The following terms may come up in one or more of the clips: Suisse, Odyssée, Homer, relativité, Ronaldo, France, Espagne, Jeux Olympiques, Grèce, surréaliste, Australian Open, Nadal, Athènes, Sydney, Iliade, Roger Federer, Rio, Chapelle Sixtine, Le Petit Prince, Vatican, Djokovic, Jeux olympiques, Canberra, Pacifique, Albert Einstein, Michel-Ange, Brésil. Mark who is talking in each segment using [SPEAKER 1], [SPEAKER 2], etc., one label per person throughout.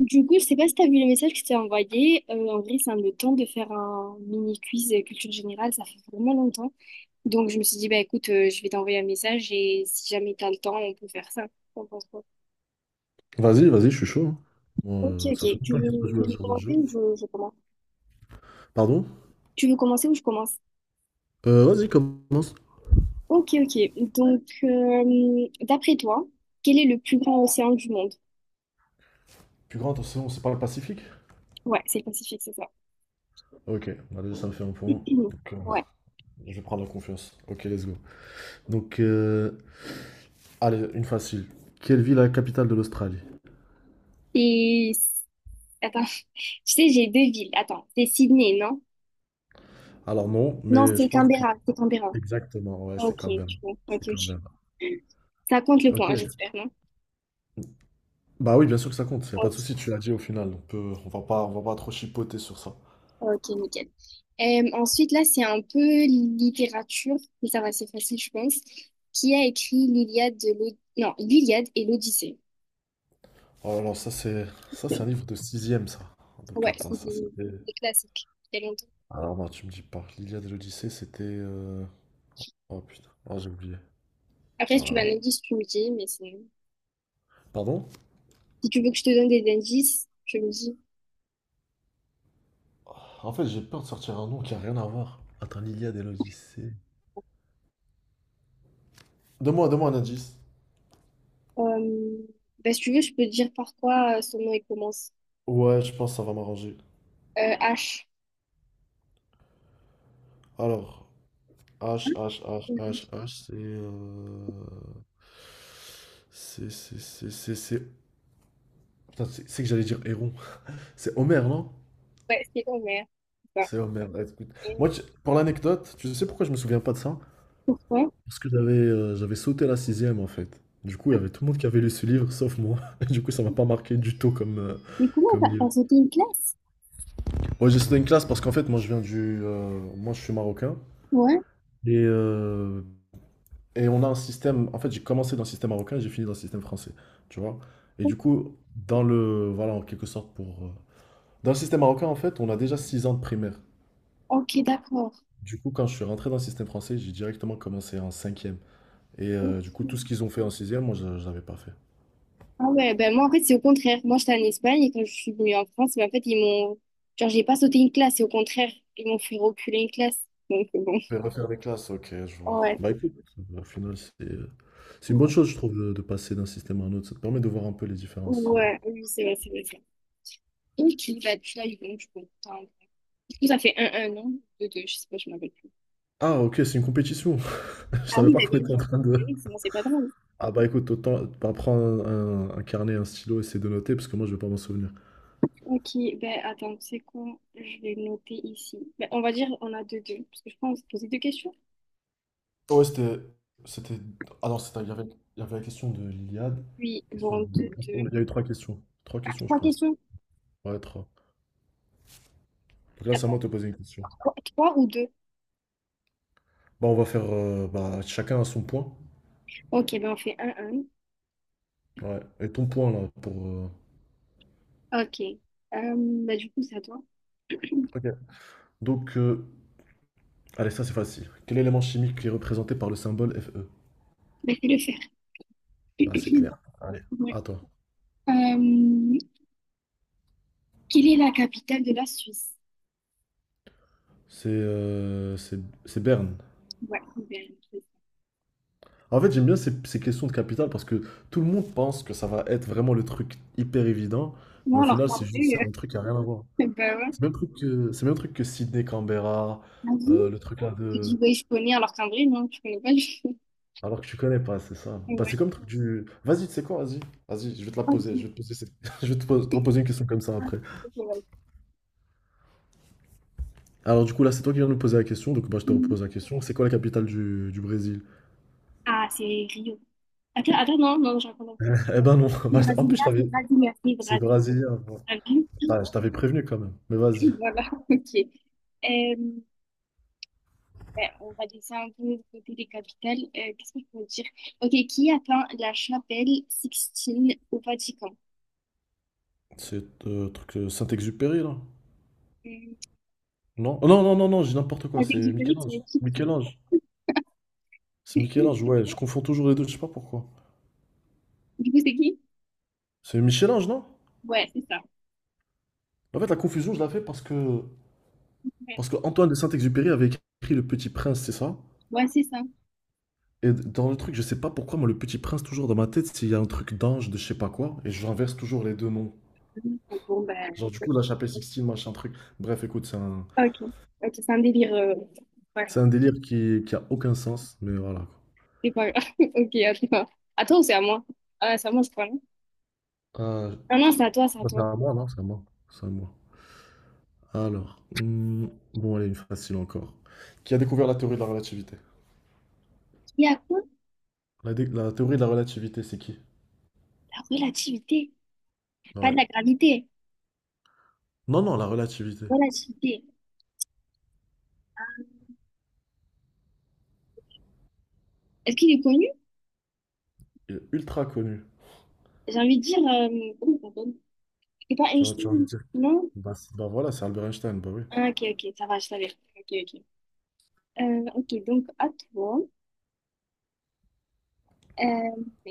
[SPEAKER 1] Du coup, je sais pas si t'as vu le message que je t'ai envoyé. En vrai, ça me tente de faire un mini quiz culture générale. Ça fait vraiment longtemps. Donc, je me suis dit, bah écoute, je vais t'envoyer un message et si jamais t'as le temps, on peut faire ça. T'en penses quoi?
[SPEAKER 2] Vas-y, vas-y, je suis chaud, hein. Moi,
[SPEAKER 1] Ok,
[SPEAKER 2] ça fait
[SPEAKER 1] ok. Tu
[SPEAKER 2] longtemps que j'ai pas
[SPEAKER 1] veux,
[SPEAKER 2] joué à
[SPEAKER 1] tu veux
[SPEAKER 2] ce genre de jeu.
[SPEAKER 1] commencer ou je commence?
[SPEAKER 2] Pardon?
[SPEAKER 1] Tu veux commencer ou je commence?
[SPEAKER 2] Vas-y, commence.
[SPEAKER 1] Ok, ok. Donc, d'après toi, quel est le plus grand océan du monde?
[SPEAKER 2] Plus grand océan, c'est pas le Pacifique?
[SPEAKER 1] Ouais, c'est le Pacifique, c'est ça.
[SPEAKER 2] Ok, bah déjà ça me fait un point. Donc,
[SPEAKER 1] Ouais.
[SPEAKER 2] je vais prendre la confiance. Ok, let's go. Donc, allez, une facile. Quelle ville est la capitale de l'Australie?
[SPEAKER 1] Et attends, tu sais, j'ai deux villes. Attends, c'est Sydney, non?
[SPEAKER 2] Alors non,
[SPEAKER 1] Non,
[SPEAKER 2] mais
[SPEAKER 1] c'est
[SPEAKER 2] je pense que...
[SPEAKER 1] Canberra. C'est Canberra.
[SPEAKER 2] Exactement, ouais, c'est
[SPEAKER 1] Ok,
[SPEAKER 2] quand même.
[SPEAKER 1] tu vois.
[SPEAKER 2] C'est
[SPEAKER 1] Ok,
[SPEAKER 2] quand
[SPEAKER 1] ok.
[SPEAKER 2] même.
[SPEAKER 1] Ça compte le point,
[SPEAKER 2] Ok.
[SPEAKER 1] j'espère, non?
[SPEAKER 2] Bah oui, bien sûr que ça compte. Y a pas de
[SPEAKER 1] Ok,
[SPEAKER 2] souci, tu l'as dit au final. On va pas trop chipoter sur ça.
[SPEAKER 1] ok, nickel. Ensuite, là, c'est un peu littérature, mais ça va, c'est facile, je pense. Qui a écrit non, l'Iliade et l'Odyssée?
[SPEAKER 2] Oh là là, ça c'est un livre de sixième, ça. Donc
[SPEAKER 1] Ouais,
[SPEAKER 2] attends,
[SPEAKER 1] c'est
[SPEAKER 2] ça
[SPEAKER 1] des,
[SPEAKER 2] c'est.
[SPEAKER 1] des classiques. Il y a longtemps.
[SPEAKER 2] Alors non, tu me dis pas. L'Iliade et l'Odyssée, c'était... Oh putain, oh, j'ai oublié.
[SPEAKER 1] Après,
[SPEAKER 2] Oh
[SPEAKER 1] si tu
[SPEAKER 2] là
[SPEAKER 1] veux
[SPEAKER 2] là.
[SPEAKER 1] un indice, tu me dis, mais c'est...
[SPEAKER 2] Pardon?
[SPEAKER 1] Si tu veux que je te donne des indices, tu me dis.
[SPEAKER 2] Oh, en fait, j'ai peur de sortir un nom qui a rien à voir. Attends, l'Iliade et l'Odyssée. Donne-moi, donne-moi un indice.
[SPEAKER 1] Euh, bah, si tu veux, je peux te dire par quoi son nom il commence.
[SPEAKER 2] Ouais, je pense que ça va m'arranger.
[SPEAKER 1] H.
[SPEAKER 2] Alors, H, H, H,
[SPEAKER 1] Mhm.
[SPEAKER 2] H, H, c'est... c'est... Putain, c'est que j'allais dire Héron. C'est Homer, non?
[SPEAKER 1] Ouais, c'est Homer. Bah,
[SPEAKER 2] C'est Homer. Ouais, écoute,
[SPEAKER 1] euh,
[SPEAKER 2] moi, pour l'anecdote, tu sais pourquoi je me souviens pas de ça?
[SPEAKER 1] pourquoi?
[SPEAKER 2] Parce que j'avais sauté la sixième en fait. Du coup, il y avait tout le monde qui avait lu ce livre, sauf moi. Et du coup, ça m'a pas marqué du tout comme, euh,
[SPEAKER 1] Mais comment
[SPEAKER 2] comme
[SPEAKER 1] t'as
[SPEAKER 2] livre.
[SPEAKER 1] sauté une classe?
[SPEAKER 2] Ouais, j'ai sauté une classe parce qu'en fait, moi, je viens du... moi, je suis marocain.
[SPEAKER 1] Ouais.
[SPEAKER 2] Et, euh, et on a un système... En fait, j'ai commencé dans le système marocain et j'ai fini dans le système français. Tu vois? Et du coup, dans le... Voilà, en quelque sorte, pour... Dans le système marocain, en fait, on a déjà 6 ans de primaire.
[SPEAKER 1] Ok, d'accord.
[SPEAKER 2] Du coup, quand je suis rentré dans le système français, j'ai directement commencé en cinquième. Et
[SPEAKER 1] Ok.
[SPEAKER 2] du coup, tout ce qu'ils ont fait en sixième, moi, je l'avais pas fait.
[SPEAKER 1] Ah ouais, ben moi en fait c'est au contraire. Moi j'étais en Espagne et quand je suis venue en France, ben, en fait ils m'ont... Genre j'ai pas sauté une classe et au contraire ils m'ont fait reculer une classe. Donc bon.
[SPEAKER 2] Je vais refaire des classes, ok, je vois.
[SPEAKER 1] Ouais,
[SPEAKER 2] Bah
[SPEAKER 1] c'est
[SPEAKER 2] écoute, au final, c'est une bonne
[SPEAKER 1] cool.
[SPEAKER 2] chose, je trouve, de passer d'un système à un autre. Ça te permet de voir un peu les différences.
[SPEAKER 1] Ouais, oui c'est vrai, c'est vrai, c'est vrai. Ok, bah tu l'as eu bon, je comprends. Du coup ça fait un, non? Deux, deux, je sais pas, je m'appelle plus.
[SPEAKER 2] Ah, ok, c'est une compétition. Je
[SPEAKER 1] Ah
[SPEAKER 2] savais
[SPEAKER 1] oui,
[SPEAKER 2] pas
[SPEAKER 1] bah
[SPEAKER 2] qu'on
[SPEAKER 1] bien
[SPEAKER 2] était en
[SPEAKER 1] sûr.
[SPEAKER 2] train
[SPEAKER 1] Ah
[SPEAKER 2] de.
[SPEAKER 1] oui, sinon c'est pas drôle.
[SPEAKER 2] Ah, bah écoute, autant bah, prends un carnet, un stylo, essayer de noter, parce que moi, je vais pas m'en souvenir.
[SPEAKER 1] Ok, ben attends, c'est quoi? Je vais noter ici. Ben, on va dire on a deux, deux, parce que je pense poser deux questions.
[SPEAKER 2] Ouais, c'était. C'était. Ah non, il y avait la question de l'Iliade.
[SPEAKER 1] Oui,
[SPEAKER 2] Question
[SPEAKER 1] bon,
[SPEAKER 2] de...
[SPEAKER 1] deux, deux.
[SPEAKER 2] Il y a eu trois questions. Trois
[SPEAKER 1] Ah,
[SPEAKER 2] questions, je
[SPEAKER 1] trois
[SPEAKER 2] pense.
[SPEAKER 1] questions?
[SPEAKER 2] Ouais, trois. Donc là, c'est à moi
[SPEAKER 1] Attends,
[SPEAKER 2] de te poser une question.
[SPEAKER 1] quoi, trois ou deux?
[SPEAKER 2] Bah, on va faire bah, chacun à son point.
[SPEAKER 1] Ok, ben on fait un,
[SPEAKER 2] Ouais. Et ton point, là, pour.
[SPEAKER 1] un. Ok. Euh, ben du coup, c'est à toi.
[SPEAKER 2] Ok. Donc, allez, ça c'est facile. Quel élément chimique est représenté par le symbole Fe?
[SPEAKER 1] Ben fais-le faire.
[SPEAKER 2] Bah, c'est clair. Allez,
[SPEAKER 1] Ouais.
[SPEAKER 2] à toi.
[SPEAKER 1] Euh, quelle est la capitale de la Suisse?
[SPEAKER 2] C'est euh, c'est c'est Berne.
[SPEAKER 1] Ouais, ok, ben,
[SPEAKER 2] En fait, j'aime bien ces questions de capitale parce que tout le monde pense que ça va être vraiment le truc hyper évident, mais
[SPEAKER 1] moi,
[SPEAKER 2] au
[SPEAKER 1] alors
[SPEAKER 2] final,
[SPEAKER 1] qu'en
[SPEAKER 2] c'est juste c'est
[SPEAKER 1] vrai,
[SPEAKER 2] un truc qui a rien à voir.
[SPEAKER 1] ben ouais.
[SPEAKER 2] C'est le même truc que, c'est le même truc que Sydney Canberra,
[SPEAKER 1] Ah oui?
[SPEAKER 2] le truc là
[SPEAKER 1] Tu
[SPEAKER 2] de.
[SPEAKER 1] dis, ouais, je connais, alors qu'en vrai, non, je connais pas du tout.
[SPEAKER 2] Alors que tu connais pas, c'est ça. Bah, c'est
[SPEAKER 1] Ouais.
[SPEAKER 2] comme le truc du. Vas-y, tu sais quoi, vas-y. Vas-y, je vais te la poser.
[SPEAKER 1] Ok.
[SPEAKER 2] Je vais te poser cette- je vais te pos- te reposer une question comme ça
[SPEAKER 1] Ah,
[SPEAKER 2] après.
[SPEAKER 1] ok, ouais.
[SPEAKER 2] Alors du coup là c'est toi qui viens de me poser la question, donc bah, je te
[SPEAKER 1] Hmm.
[SPEAKER 2] repose la question. C'est quoi la capitale du Brésil?
[SPEAKER 1] Ah, c'est Rio. Attends, attends, non, non, j'en connais pas.
[SPEAKER 2] Eh ben non,
[SPEAKER 1] C'est
[SPEAKER 2] bah, en plus
[SPEAKER 1] brésilien,
[SPEAKER 2] je
[SPEAKER 1] c'est
[SPEAKER 2] t'avais...
[SPEAKER 1] brésilien, c'est
[SPEAKER 2] C'est
[SPEAKER 1] brésilien.
[SPEAKER 2] brésilien. Bon.
[SPEAKER 1] Ah oui?
[SPEAKER 2] Putain, je t'avais prévenu quand même, mais vas-y.
[SPEAKER 1] Voilà, ok. Euh, ben, on va laisser un peu de côté les capitales. Qu'est-ce qu'on peut dire? Ok, qui a peint la chapelle Sixtine au Vatican?
[SPEAKER 2] C'est truc Saint-Exupéry là?
[SPEAKER 1] Hum,
[SPEAKER 2] Non? Oh, non, non, non, non, j'ai n'importe
[SPEAKER 1] La
[SPEAKER 2] quoi, c'est
[SPEAKER 1] Vatican, c'est le
[SPEAKER 2] Michel-Ange.
[SPEAKER 1] titre.
[SPEAKER 2] Michel-Ange. C'est Michel-Ange, ouais, je confonds toujours les deux, je sais pas pourquoi.
[SPEAKER 1] Du coup, c'est qui?
[SPEAKER 2] C'est Michel-Ange, non?
[SPEAKER 1] Ouais, c'est ça.
[SPEAKER 2] En fait la confusion je la fais parce que...
[SPEAKER 1] Ouais,
[SPEAKER 2] Parce que Antoine de Saint-Exupéry avait écrit Le Petit Prince, c'est ça?
[SPEAKER 1] ouais, c'est ça.
[SPEAKER 2] Et dans le truc, je sais pas pourquoi, moi, Le Petit Prince, toujours dans ma tête, s'il y a un truc d'ange, de je sais pas quoi, et j'inverse toujours les deux noms.
[SPEAKER 1] Mhm. Bon, ben,
[SPEAKER 2] Genre, du coup, la chapelle Sixtine, machin truc. Bref, écoute, c'est un,
[SPEAKER 1] ok. Ok, c'est un délire. Ouais,
[SPEAKER 2] c'est un délire qui a aucun sens, mais voilà.
[SPEAKER 1] c'est pas grave. Ok, à toi. À toi ou c'est à moi? Ah, c'est à moi, je crois, non?
[SPEAKER 2] Quoi. Euh,
[SPEAKER 1] Ah non, c'est à toi, c'est à
[SPEAKER 2] Bah, c'est
[SPEAKER 1] toi.
[SPEAKER 2] à moi, non? C'est à moi. C'est à moi. Alors, bon, allez, une facile encore. Qui a découvert la théorie de la relativité?
[SPEAKER 1] Il y a quoi?
[SPEAKER 2] La théorie de la relativité, c'est qui?
[SPEAKER 1] La relativité. Pas
[SPEAKER 2] Ouais.
[SPEAKER 1] de la gravité.
[SPEAKER 2] Non, non, la relativité.
[SPEAKER 1] Relativité. Est-ce qu'il est connu?
[SPEAKER 2] Il est ultra connu.
[SPEAKER 1] J'ai envie de dire. Comment il s'appelle? C'est pas
[SPEAKER 2] Tu vois, tu as envie
[SPEAKER 1] Einstein,
[SPEAKER 2] de dire.
[SPEAKER 1] non?
[SPEAKER 2] Bah, voilà, c'est Albert Einstein, bah oui.
[SPEAKER 1] Ah, ok, ok, ça va, je savais. Ok, ok. Ok, donc à toi. Euh,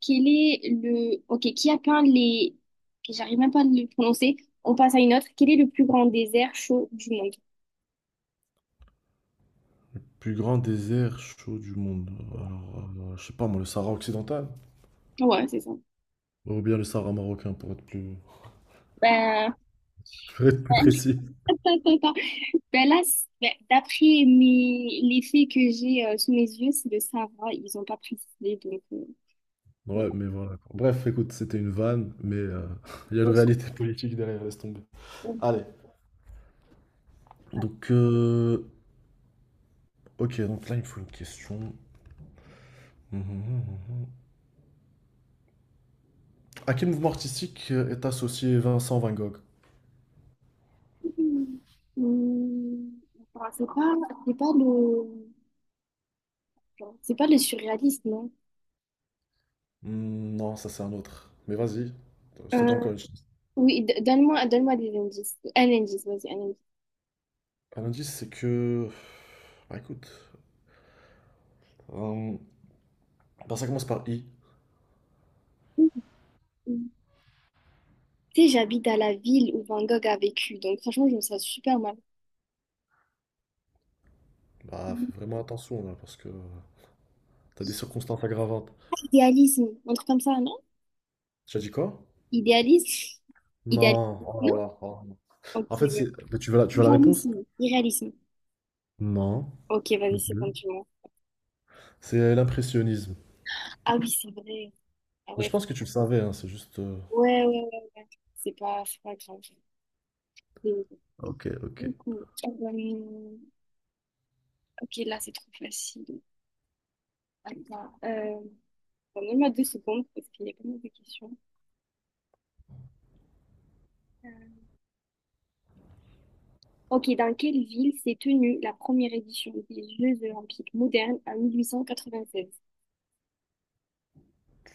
[SPEAKER 1] quel est le... Ok, qui a peint les... ok, j'arrive même pas à le prononcer. On passe à une autre. Quel est le plus grand désert chaud du monde?
[SPEAKER 2] Plus grand désert chaud du monde. Alors, je sais pas, moi, le Sahara occidental.
[SPEAKER 1] Ouais, c'est ça.
[SPEAKER 2] Ou bien le Sahara marocain, pour être plus,
[SPEAKER 1] Ben,
[SPEAKER 2] pour être plus
[SPEAKER 1] ben,
[SPEAKER 2] précis.
[SPEAKER 1] attends, attends. Ben là, c'est- ben, d'après mes... les faits que j'ai sous mes yeux, c'est le Sahara. Ils ont pas précisé, donc... voilà.
[SPEAKER 2] Ouais, mais voilà. Quoi. Bref, écoute, c'était une vanne, mais il y a une réalité politique derrière, laisse tomber. Allez. Donc, ok, donc là, il me faut une question. Mhm, mhm, mhm. À quel mouvement artistique est associé Vincent Van Gogh?
[SPEAKER 1] Hum, attends, c'est pas, c'est pas le... C'est pas le surréaliste, non?
[SPEAKER 2] Hmm, non, ça c'est un autre. Mais vas-y, je te
[SPEAKER 1] Euh,
[SPEAKER 2] donne encore une chance.
[SPEAKER 1] oui, donne-moi, donne-moi des indices. Un indice, vas-y, un indice.
[SPEAKER 2] Un indice, c'est que... Bah écoute, euh, bah, ça commence par I.
[SPEAKER 1] Mhm. Tu sais, j'habite à la ville où Van Gogh a vécu, donc franchement, je me sens super mal.
[SPEAKER 2] Bah fais vraiment attention là, parce que t'as des circonstances aggravantes.
[SPEAKER 1] Idéalisme, un truc comme ça, non?
[SPEAKER 2] Tu as dit quoi?
[SPEAKER 1] Idéalisme? Idéalisme,
[SPEAKER 2] Non. Oh là
[SPEAKER 1] non?
[SPEAKER 2] là, oh.
[SPEAKER 1] Ok,
[SPEAKER 2] En fait, c'est...
[SPEAKER 1] ouais.
[SPEAKER 2] mais tu veux la réponse?
[SPEAKER 1] Irréalisme, irréalisme.
[SPEAKER 2] Non,
[SPEAKER 1] Ok,
[SPEAKER 2] non
[SPEAKER 1] vas-y, c'est
[SPEAKER 2] plus.
[SPEAKER 1] bon, tu vois.
[SPEAKER 2] C'est l'impressionnisme.
[SPEAKER 1] Ah oui, c'est vrai. Ah
[SPEAKER 2] Mais je
[SPEAKER 1] ouais,
[SPEAKER 2] pense que tu le savais, hein, c'est juste.
[SPEAKER 1] ouais, ouais, ouais, ouais. C'est pas grave. C'est
[SPEAKER 2] Ok, ok.
[SPEAKER 1] beaucoup. Ok, là, c'est trop facile. Attends. Donne-moi deux secondes parce qu'il y a pas mal de questions. Euh, Ok, dans quelle ville s'est tenue la première édition des Jeux olympiques modernes en 1896?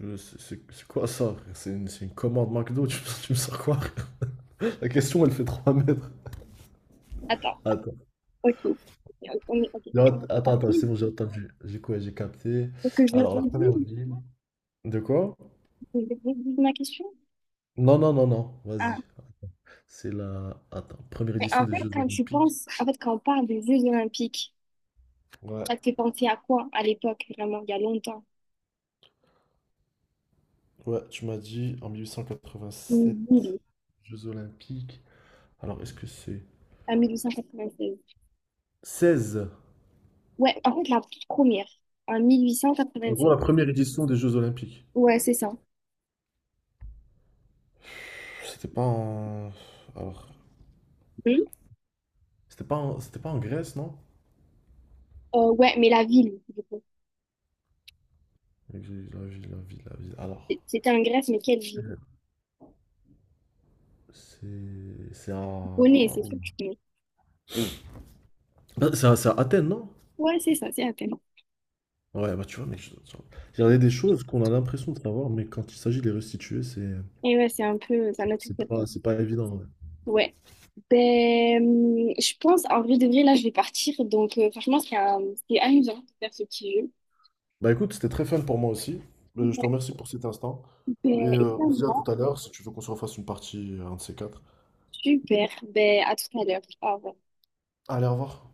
[SPEAKER 2] C'est quoi ça? C'est une commande McDo, me tu me sors quoi? La question, elle fait 3 mètres.
[SPEAKER 1] Attends,
[SPEAKER 2] Attends.
[SPEAKER 1] ok. Ok.
[SPEAKER 2] Non,
[SPEAKER 1] Dans
[SPEAKER 2] attends, attends, c'est
[SPEAKER 1] quelle-
[SPEAKER 2] bon, j'ai entendu. J'ai quoi? J'ai capté.
[SPEAKER 1] Faut
[SPEAKER 2] Alors, la première ville. De quoi?
[SPEAKER 1] que je redise ma question?
[SPEAKER 2] Non, non, non, non,
[SPEAKER 1] Ah,
[SPEAKER 2] vas-y. C'est la. Attends, première édition des Jeux
[SPEAKER 1] quand tu
[SPEAKER 2] Olympiques.
[SPEAKER 1] penses, en fait, quand on parle des Jeux olympiques,
[SPEAKER 2] Ouais,
[SPEAKER 1] ça te fait penser à quoi à l'époque, vraiment, il y a longtemps?
[SPEAKER 2] ouais, tu m'as dit en mille huit cent
[SPEAKER 1] Une
[SPEAKER 2] quatre-vingt-sept.
[SPEAKER 1] ville,
[SPEAKER 2] Jeux Olympiques. Alors, est-ce que c'est
[SPEAKER 1] en 1896.
[SPEAKER 2] seize.
[SPEAKER 1] Ouais, en fait, la toute première, en
[SPEAKER 2] En gros,
[SPEAKER 1] 1896.
[SPEAKER 2] la première édition des Jeux Olympiques.
[SPEAKER 1] Ouais, c'est ça.
[SPEAKER 2] C'était pas en. Alors.
[SPEAKER 1] Hmm.
[SPEAKER 2] C'était pas en Grèce, non?
[SPEAKER 1] Ouais, mais la ville, du coup.
[SPEAKER 2] La ville, la ville, la ville, la ville. Alors.
[SPEAKER 1] C'était en Grèce, mais quelle ville?
[SPEAKER 2] C'est. C'est à.
[SPEAKER 1] Bonnet, c'est
[SPEAKER 2] Où.
[SPEAKER 1] sûr que tu connais.
[SPEAKER 2] Ah, c'est à Athènes, non?
[SPEAKER 1] Ouais, c'est ça, c'est Athènes.
[SPEAKER 2] Ouais, bah tu vois, mais. Je- Il y en a des choses qu'on a l'impression de savoir, mais quand il s'agit de les restituer, c'est.
[SPEAKER 1] Et ouais, c'est un peu, ça notre.
[SPEAKER 2] C'est pas évident, ouais.
[SPEAKER 1] Ouais. Ben, je pense, en vrai de vrai, là, je vais partir. Donc, franchement, c'est amusant de faire ce petit jeu.
[SPEAKER 2] Bah écoute, c'était très fun pour moi aussi. Je te
[SPEAKER 1] Ouais.
[SPEAKER 2] remercie pour cet instant. Et
[SPEAKER 1] Ben, et
[SPEAKER 2] on se dit à
[SPEAKER 1] là,
[SPEAKER 2] tout à l'heure si tu veux qu'on se refasse une partie, un de ces quatre.
[SPEAKER 1] super. Ben, à tout à l'heure. Au revoir.
[SPEAKER 2] Allez, au revoir.